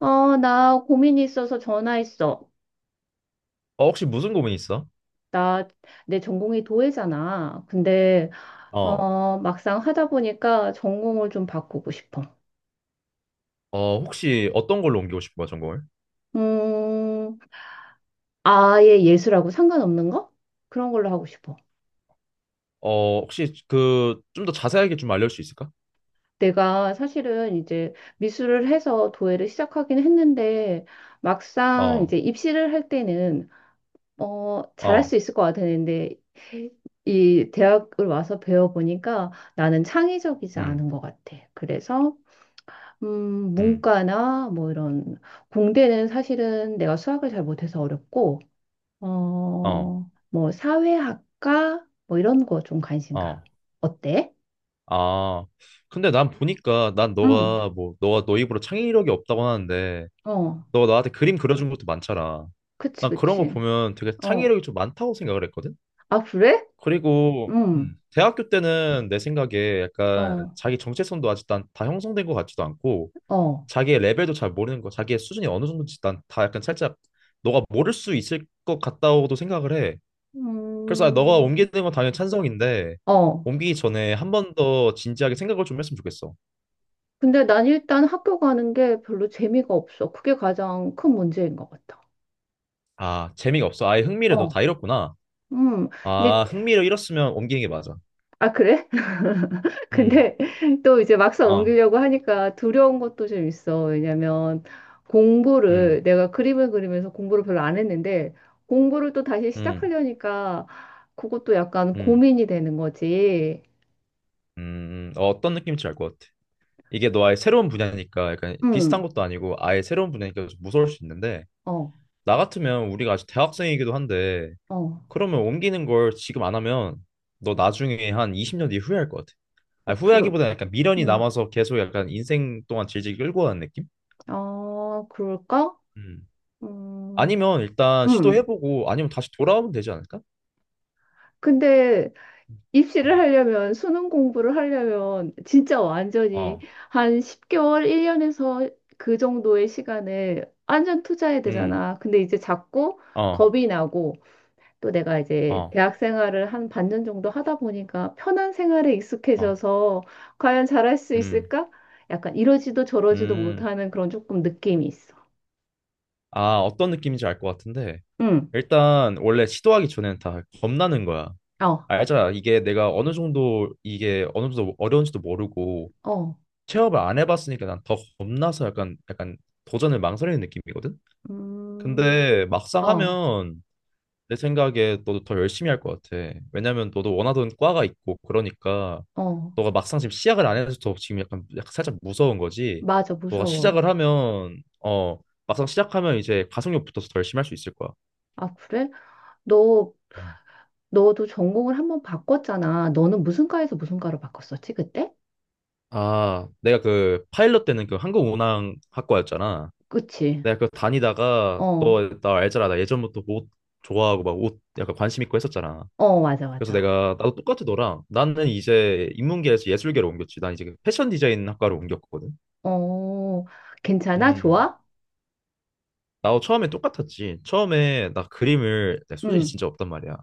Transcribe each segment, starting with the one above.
어, 나 고민이 있어서 전화했어. 혹시 무슨 고민 있어? 나, 내 전공이 도예잖아. 근데, 어, 어, 막상 하다 보니까 전공을 좀 바꾸고 싶어. 혹시 어떤 걸로 옮기고 싶은 거야, 전공을? 음, 아예 예술하고 상관없는 거? 그런 걸로 하고 싶어. 혹시 그 좀 더 자세하게 좀 알려줄 수 있을까? 내가 사실은 이제 미술을 해서 도예를 시작하긴 했는데, 막상 어, 이제 입시를 할 때는, 어, 잘할 어, 수 있을 것 같았는데, 이 대학을 와서 배워보니까 나는 창의적이지 음, 않은 것 같아. 그래서, 음, 문과나 뭐 이런 공대는 사실은 내가 수학을 잘 못해서 어렵고 어, 어, 뭐 사회학과 뭐 이런 거 좀 관심 가. 어. 어때? 아, 근데 난 보니까 난 응. 너가 뭐 너가 너 입으로 창의력이 없다고 하는데 어, 너가 나한테 그림 그려준 것도 많잖아. 그치, 난 그런 거 그치. 보면 되게 어, 창의력이 좀 많다고 생각을 했거든. 아, 그래? 그리고 음, 대학교 때는 내 생각에 약간 어, 자기 정체성도 아직 난다 형성된 것 같지도 않고 어, 자기의 레벨도 잘 모르는 거, 자기의 수준이 어느 정도인지 난 다 약간 살짝 너가 모를 수 있을 것 같다고도 생각을 해. 그래서 너가 음, 옮기는 건 당연히 찬성인데 어. 옮기기 전에 한 번 더 진지하게 생각을 좀 했으면 좋겠어. 근데 난 일단 학교 가는 게 별로 재미가 없어. 그게 가장 큰 문제인 것 같아. 아, 재미가 없어. 아예 흥미를 너 다 어, 잃었구나. 음, 이제, 아, 흥미를 잃었으면 옮기는 게 맞아. 아, 그래? 음, 근데 또 이제 막상 어, 옮기려고 하니까 두려운 것도 좀 있어. 왜냐면 음, 공부를 내가 그림을 그리면서 공부를 별로 안 했는데 공부를 또 다시 음, 시작하려니까 그것도 약간 음, 고민이 되는 거지. 어떤 느낌인지 알 것 같아. 이게 너 아예 새로운 분야니까 약간 비슷한 응, 것도 아니고 아예 새로운 분야니까 좀 무서울 수 있는데 어, 나 같으면 우리가 아직 대학생이기도 한데 어, 그러면 옮기는 걸 지금 안 하면 너 나중에 한 20년 뒤에 후회할 것 같아. 아, 어, 그래. 후회하기보다 약간 미련이 응, 남아서 계속 약간 인생 동안 질질 끌고 가는 느낌? 어, 그럴까? 음, 음, 아니면 일단 응. 시도해보고 아니면 다시 돌아오면 되지 않을까? 근데 입시를 음. 하려면, 수능 공부를 하려면, 진짜 완전히 어, 한 10개월, 1년에서 그 정도의 시간을 완전 투자해야 음, 되잖아. 근데 이제 자꾸 어, 겁이 나고, 또 내가 이제 어, 대학 생활을 한 반년 정도 하다 보니까 편한 생활에 어, 익숙해져서 과연 잘할 수 음, 있을까? 약간 이러지도 저러지도 음. 못하는 그런 조금 느낌이 있어. 아, 어떤 느낌인지 알 것 같은데. 응, 일단, 원래 시도하기 전에는 다 겁나는 거야. 어, 알잖아. 이게 어느 정도 어려운지도 모르고, 어, 체험을 안 해봤으니까 난 더 겁나서 약간 도전을 망설이는 느낌이거든. 음, 근데 막상 어, 하면 내 생각에 너도 더 열심히 할 것 같아. 왜냐면 너도 원하던 과가 있고 그러니까 어, 너가 막상 지금 시작을 안 해서 더 지금 약간 살짝 무서운 거지. 맞아, 너가 무서워. 시작을 하면 막상 시작하면 이제 가속력 붙어서 더 열심히 할 수 있을 거야. 아, 그래? 너 음. 너도 전공을 한번 바꿨잖아. 너는 무슨 과에서 무슨 과로 바꿨었지, 그때? 아, 내가 그 파일럿 때는 그 항공운항학과였잖아. 그치? 내가 그 다니다가 어, 너 나 알잖아 나 예전부터 옷 좋아하고 막 옷 약간 관심 있고 했었잖아 어, 맞아, 그래서 맞아. 내가 나도 똑같이 너랑 나는 이제 인문계에서 예술계로 옮겼지 난 이제 그 패션 디자인 학과로 옮겼거든 어, 괜찮아? 음 좋아? 나도 처음에 똑같았지 처음에 나 그림을 내 소질이 응, 진짜 없단 말이야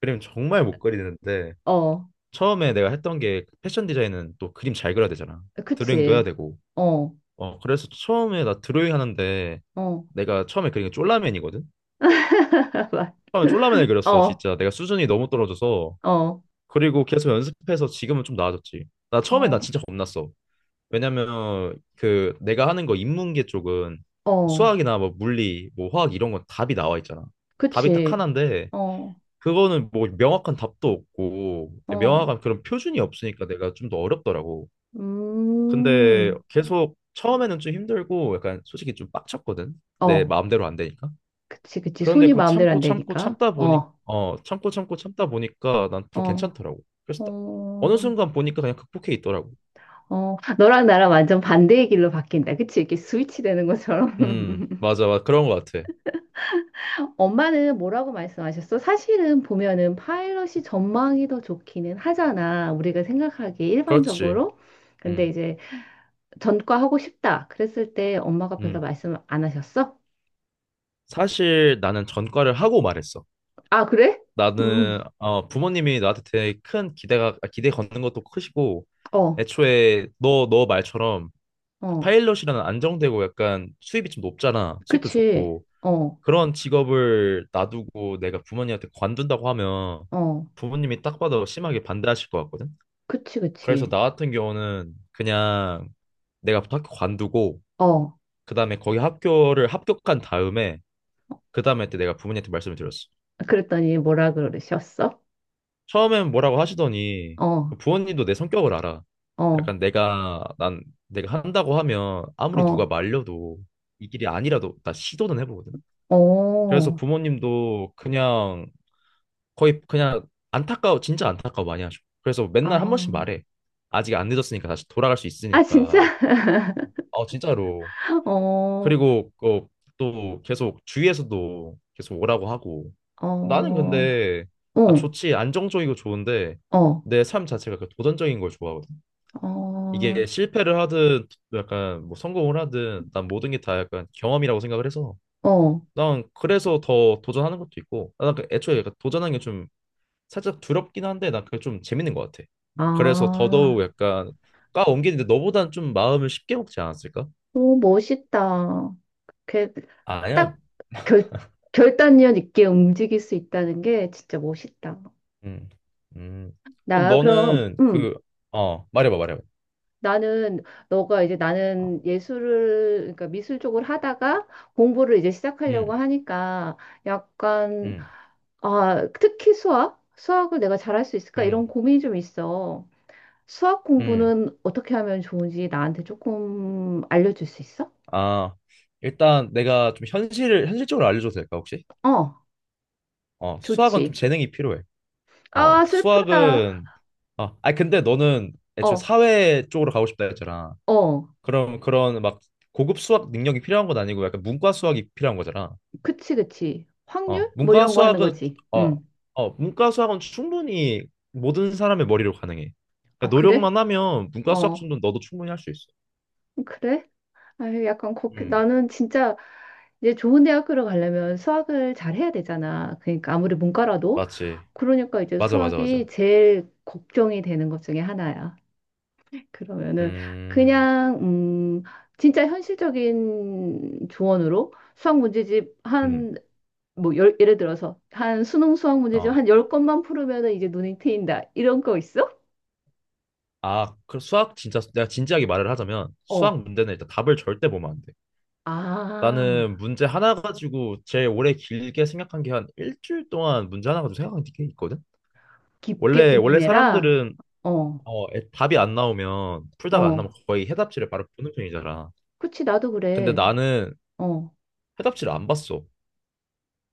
그림 정말 못 그리는데 어, 처음에 내가 했던 게 그 패션 디자인은 또 그림 잘 그려야 되잖아 드로잉도 해야 그치? 되고 어, 그래서 처음에 나 드로잉 하는데 어, 내가 처음에 그린 게 쫄라맨이거든 처음에 쫄라맨을 그렸어, 어, 진짜. 내가 수준이 너무 떨어져서. 어, 그리고 계속 연습해서 지금은 좀 나아졌지. 나 처음에 나 어, 진짜 겁났어. 왜냐면 그 내가 하는 거 인문계 쪽은 어, 수학이나 뭐 물리, 뭐 화학 이런 건 답이 나와 있잖아. 답이 딱 그치? 하나인데 어, 그거는 뭐 명확한 답도 없고 어, 명확한 그런 표준이 없으니까 내가 좀 더 어렵더라고. 근데 음, 계속 처음에는 좀 힘들고 약간 솔직히 좀 빡쳤거든. 내 어, 마음대로 안 되니까. 그치, 그치. 그런데 손이 그거 마음대로 참고 안 참고 되니까. 참다 보니 어, 참고 참고 참다 보니까 난 더 어, 괜찮더라고. 그래서 딱 어느 어, 순간 보니까 그냥 극복해 있더라고. 어, 너랑 나랑 완전 반대의 길로 바뀐다. 그치? 이렇게 스위치 되는 것처럼. 맞아 맞아 그런 거 같아. 엄마는 뭐라고 말씀하셨어? 사실은 보면은 파일럿이 전망이 더 좋기는 하잖아. 우리가 생각하기에 그렇지. 일반적으로. 근데 음 이제 전과 하고 싶다. 그랬을 때 엄마가 별로 음. 말씀 안 하셨어? 사실 나는 전과를 하고 말했어. 아, 그래? 음, 나는 부모님이 나한테 되게 큰 기대가 기대 걷는 것도 크시고 어, 애초에 너 말처럼 그 어, 파일럿이라는 안정되고 약간 수입이 좀 높잖아. 수입도 그치. 좋고. 어, 그런 직업을 놔두고 내가 부모님한테 관둔다고 하면 어, 부모님이 딱 봐도 심하게 반대하실 것 같거든. 그치, 그래서 그치. 나 같은 경우는 그냥 내가 학교 관두고 어, 그다음에 거기 학교를 합격한 다음에 그다음에 때 내가 부모님한테 말씀을 드렸어. 그랬더니 뭐라 그러셨어? 처음엔 뭐라고 하시더니 어, 부모님도 내 성격을 알아. 어, 약간 내가 한다고 하면 아무리 누가 어, 말려도 이 길이 아니라도 나 시도는 해보거든. 그래서 어, 부모님도 그냥 거의 그냥 안타까워, 진짜 안타까워 많이 하죠. 그래서 맨날 한 번씩 아. 말해. 아직 안 늦었으니까 다시 돌아갈 수 아, 진짜? 있으니까. 어, 진짜로. 어, 어, 그리고 또 계속 주위에서도 계속 오라고 하고. 나는 어, 근데 어, 좋지, 안정적이고 좋은데 내 삶 자체가 그 도전적인 걸 좋아하거든. 어, 이게 실패를 하든 약간 뭐 성공을 하든 난 모든 게 다 약간 경험이라고 생각을 해서 어. 난 그래서 더 도전하는 것도 있고 난그 애초에 약간 도전하는 게좀 살짝 두렵긴 한데 난 그게 좀 재밌는 것 같아. 그래서 더더욱 아, 약간 까 옮기는데 너보단 좀 마음을 쉽게 먹지 않았을까? 오, 멋있다. 그, 아니야. 딱 결, 결단력 있게 움직일 수 있다는 게 진짜 멋있다. 음. 음. 그럼 나, 그럼, 너는 말해봐, 말해봐. 나는, 너가 이제 어. 나는 예술을, 그러니까 미술 쪽을 하다가 공부를 이제 시작하려고 음. 하니까 약간, 음. 아, 특히 수학? 수학을 내가 잘할 수 있을까? 음. 이런 고민이 좀 있어. 수학 음. 공부는 어떻게 하면 좋은지 나한테 조금 알려줄 수 있어? 아, 일단 내가 좀 현실을 현실적으로 알려줘도 될까, 혹시? 어, 수학은 좀 좋지. 재능이 필요해. 아, 슬프다. 수학은 아니 근데 너는 애초에 어, 사회 쪽으로 가고 싶다 했잖아. 어, 그럼 그런 막 고급 수학 능력이 필요한 건 아니고 약간 문과 수학이 필요한 거잖아. 그치, 그치. 어, 확률? 뭐 문과 이런 거 하는 수학은 거지. 어, 응. 문과 수학은 충분히 모든 사람의 머리로 가능해. 아, 그러니까 그래? 노력만 하면 문과 수학 어, 정도는 너도 충분히 할 수 있어. 그래? 아유, 약간 걱 음, 나는 진짜 이제 좋은 대학교를 가려면 수학을 잘 해야 되잖아. 그러니까 아무리 문과라도. 맞지. 그러니까 이제 맞아, 맞아, 맞아. 수학이 제일 걱정이 되는 것 중에 하나야. 그러면은 음, 그냥 진짜 현실적인 조언으로 수학 문제집 음, 한 뭐 열, 예를 들어서 한 수능 수학 문제집 어. 한 열건만 풀으면은 이제 눈이 트인다. 이런 거 있어? 아, 그 수학 진짜 내가 진지하게 말을 하자면 어. 수학 문제는 일단 답을 절대 보면 안 돼. 아. 나는 문제 하나 가지고 제일 오래 길게 생각한 게 한 일주일 동안 문제 하나 가지고 생각한 게 있거든. 깊게 원래 고민해라. 사람들은 어. 답이 안 나오면 풀다가 안 어. 나오면 거의 해답지를 바로 보는 편이잖아. 그치 나도 근데 그래. 나는 어. 해답지를 안 봤어.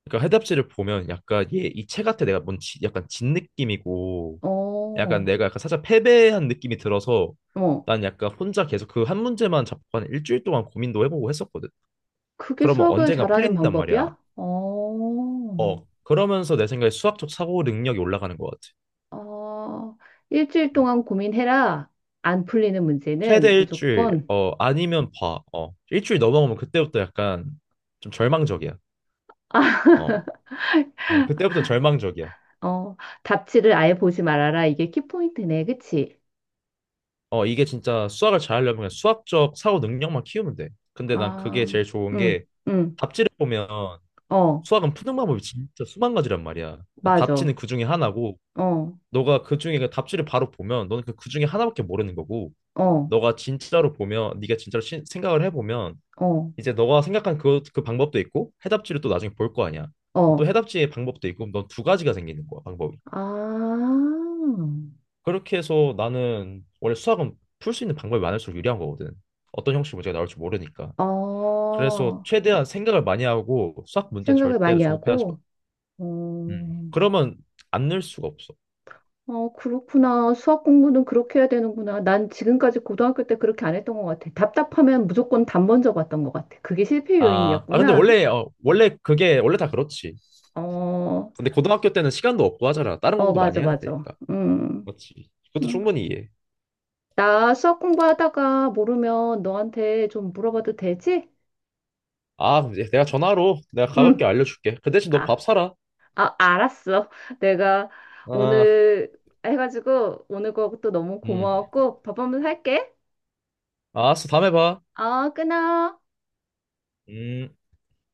그러니까 해답지를 보면 약간 얘 이 책 같아 내가 뭔 약간 진 느낌이고 약간 어. 내가 약간 살짝 패배한 느낌이 들어서 어. 난 약간 혼자 계속 그 한 문제만 잡고 한 일주일 동안 고민도 해보고 했었거든. 그게 그러면 수학을 언젠가 잘하는 풀린단 말이야. 방법이야? 어. 그러면서 내 생각에 수학적 사고 능력이 올라가는 것 같아. 어, 일주일 동안 고민해라. 안 풀리는 최대 문제는 일주일, 무조건, 아니면 봐. 일주일 넘어가면 그때부터 약간 좀 절망적이야. 어, 그때부터 절망적이야. 어, 답지를 아예 보지 말아라. 이게 키포인트네. 그치? 이게 진짜 수학을 잘하려면 그냥 수학적 사고 능력만 키우면 돼. 근데 난 아, 그게 제일 좋은 게 응, 응, 답지를 보면 어, 수학은 푸는 방법이 진짜 수만 가지란 말이야. 난 답지는 맞아. 그 중에 하나고, 어, 너가 그 중에 그 답지를 바로 보면 너는 그 중에 하나밖에 모르는 거고, 어, 너가 진짜로 보면, 네가 진짜로 생각을 해보면 어, 이제 너가 생각한 그 방법도 있고 해답지를 또 나중에 볼 거 아니야. 또 어. 해답지의 방법도 있고 넌 두 가지가 생기는 거야, 방법이. 아, 그렇게 해서 나는 원래 수학은 풀 수 있는 방법이 많을수록 유리한 거거든. 어떤 형식 문제가 나올지 모르니까. 그래서 어, 최대한 생각을 많이 하고 수학 문제는 생각을 절대로 많이 조급해하지 마. 하고, 어, 음. 그러면 안 늘 수가 없어. 어, 그렇구나. 수학 공부는 그렇게 해야 되는구나. 난 지금까지 고등학교 때 그렇게 안 했던 것 같아. 답답하면 무조건 답 먼저 봤던 것 같아. 그게 실패 아 근데 요인이었구나. 원래 원래 그게 원래 다 그렇지. 어, 근데 고등학교 때는 시간도 없고 하잖아. 다른 어, 공부도 많이 맞아, 해야 맞아. 되니까. 음, 그렇지. 그것도 음. 충분히 이해. 나 수학 공부하다가 모르면 너한테 좀 물어봐도 되지? 아, 이제 내가 전화로 내가 가볍게 응. 알려줄게. 그 대신 너 아, 밥 사라. 아, 알았어. 내가 아, 오늘 해가지고 오늘 거또 너무 음. 고마웠고 밥 한번 살게. 알았어, 다음에 봐. 어, 끊어. 음.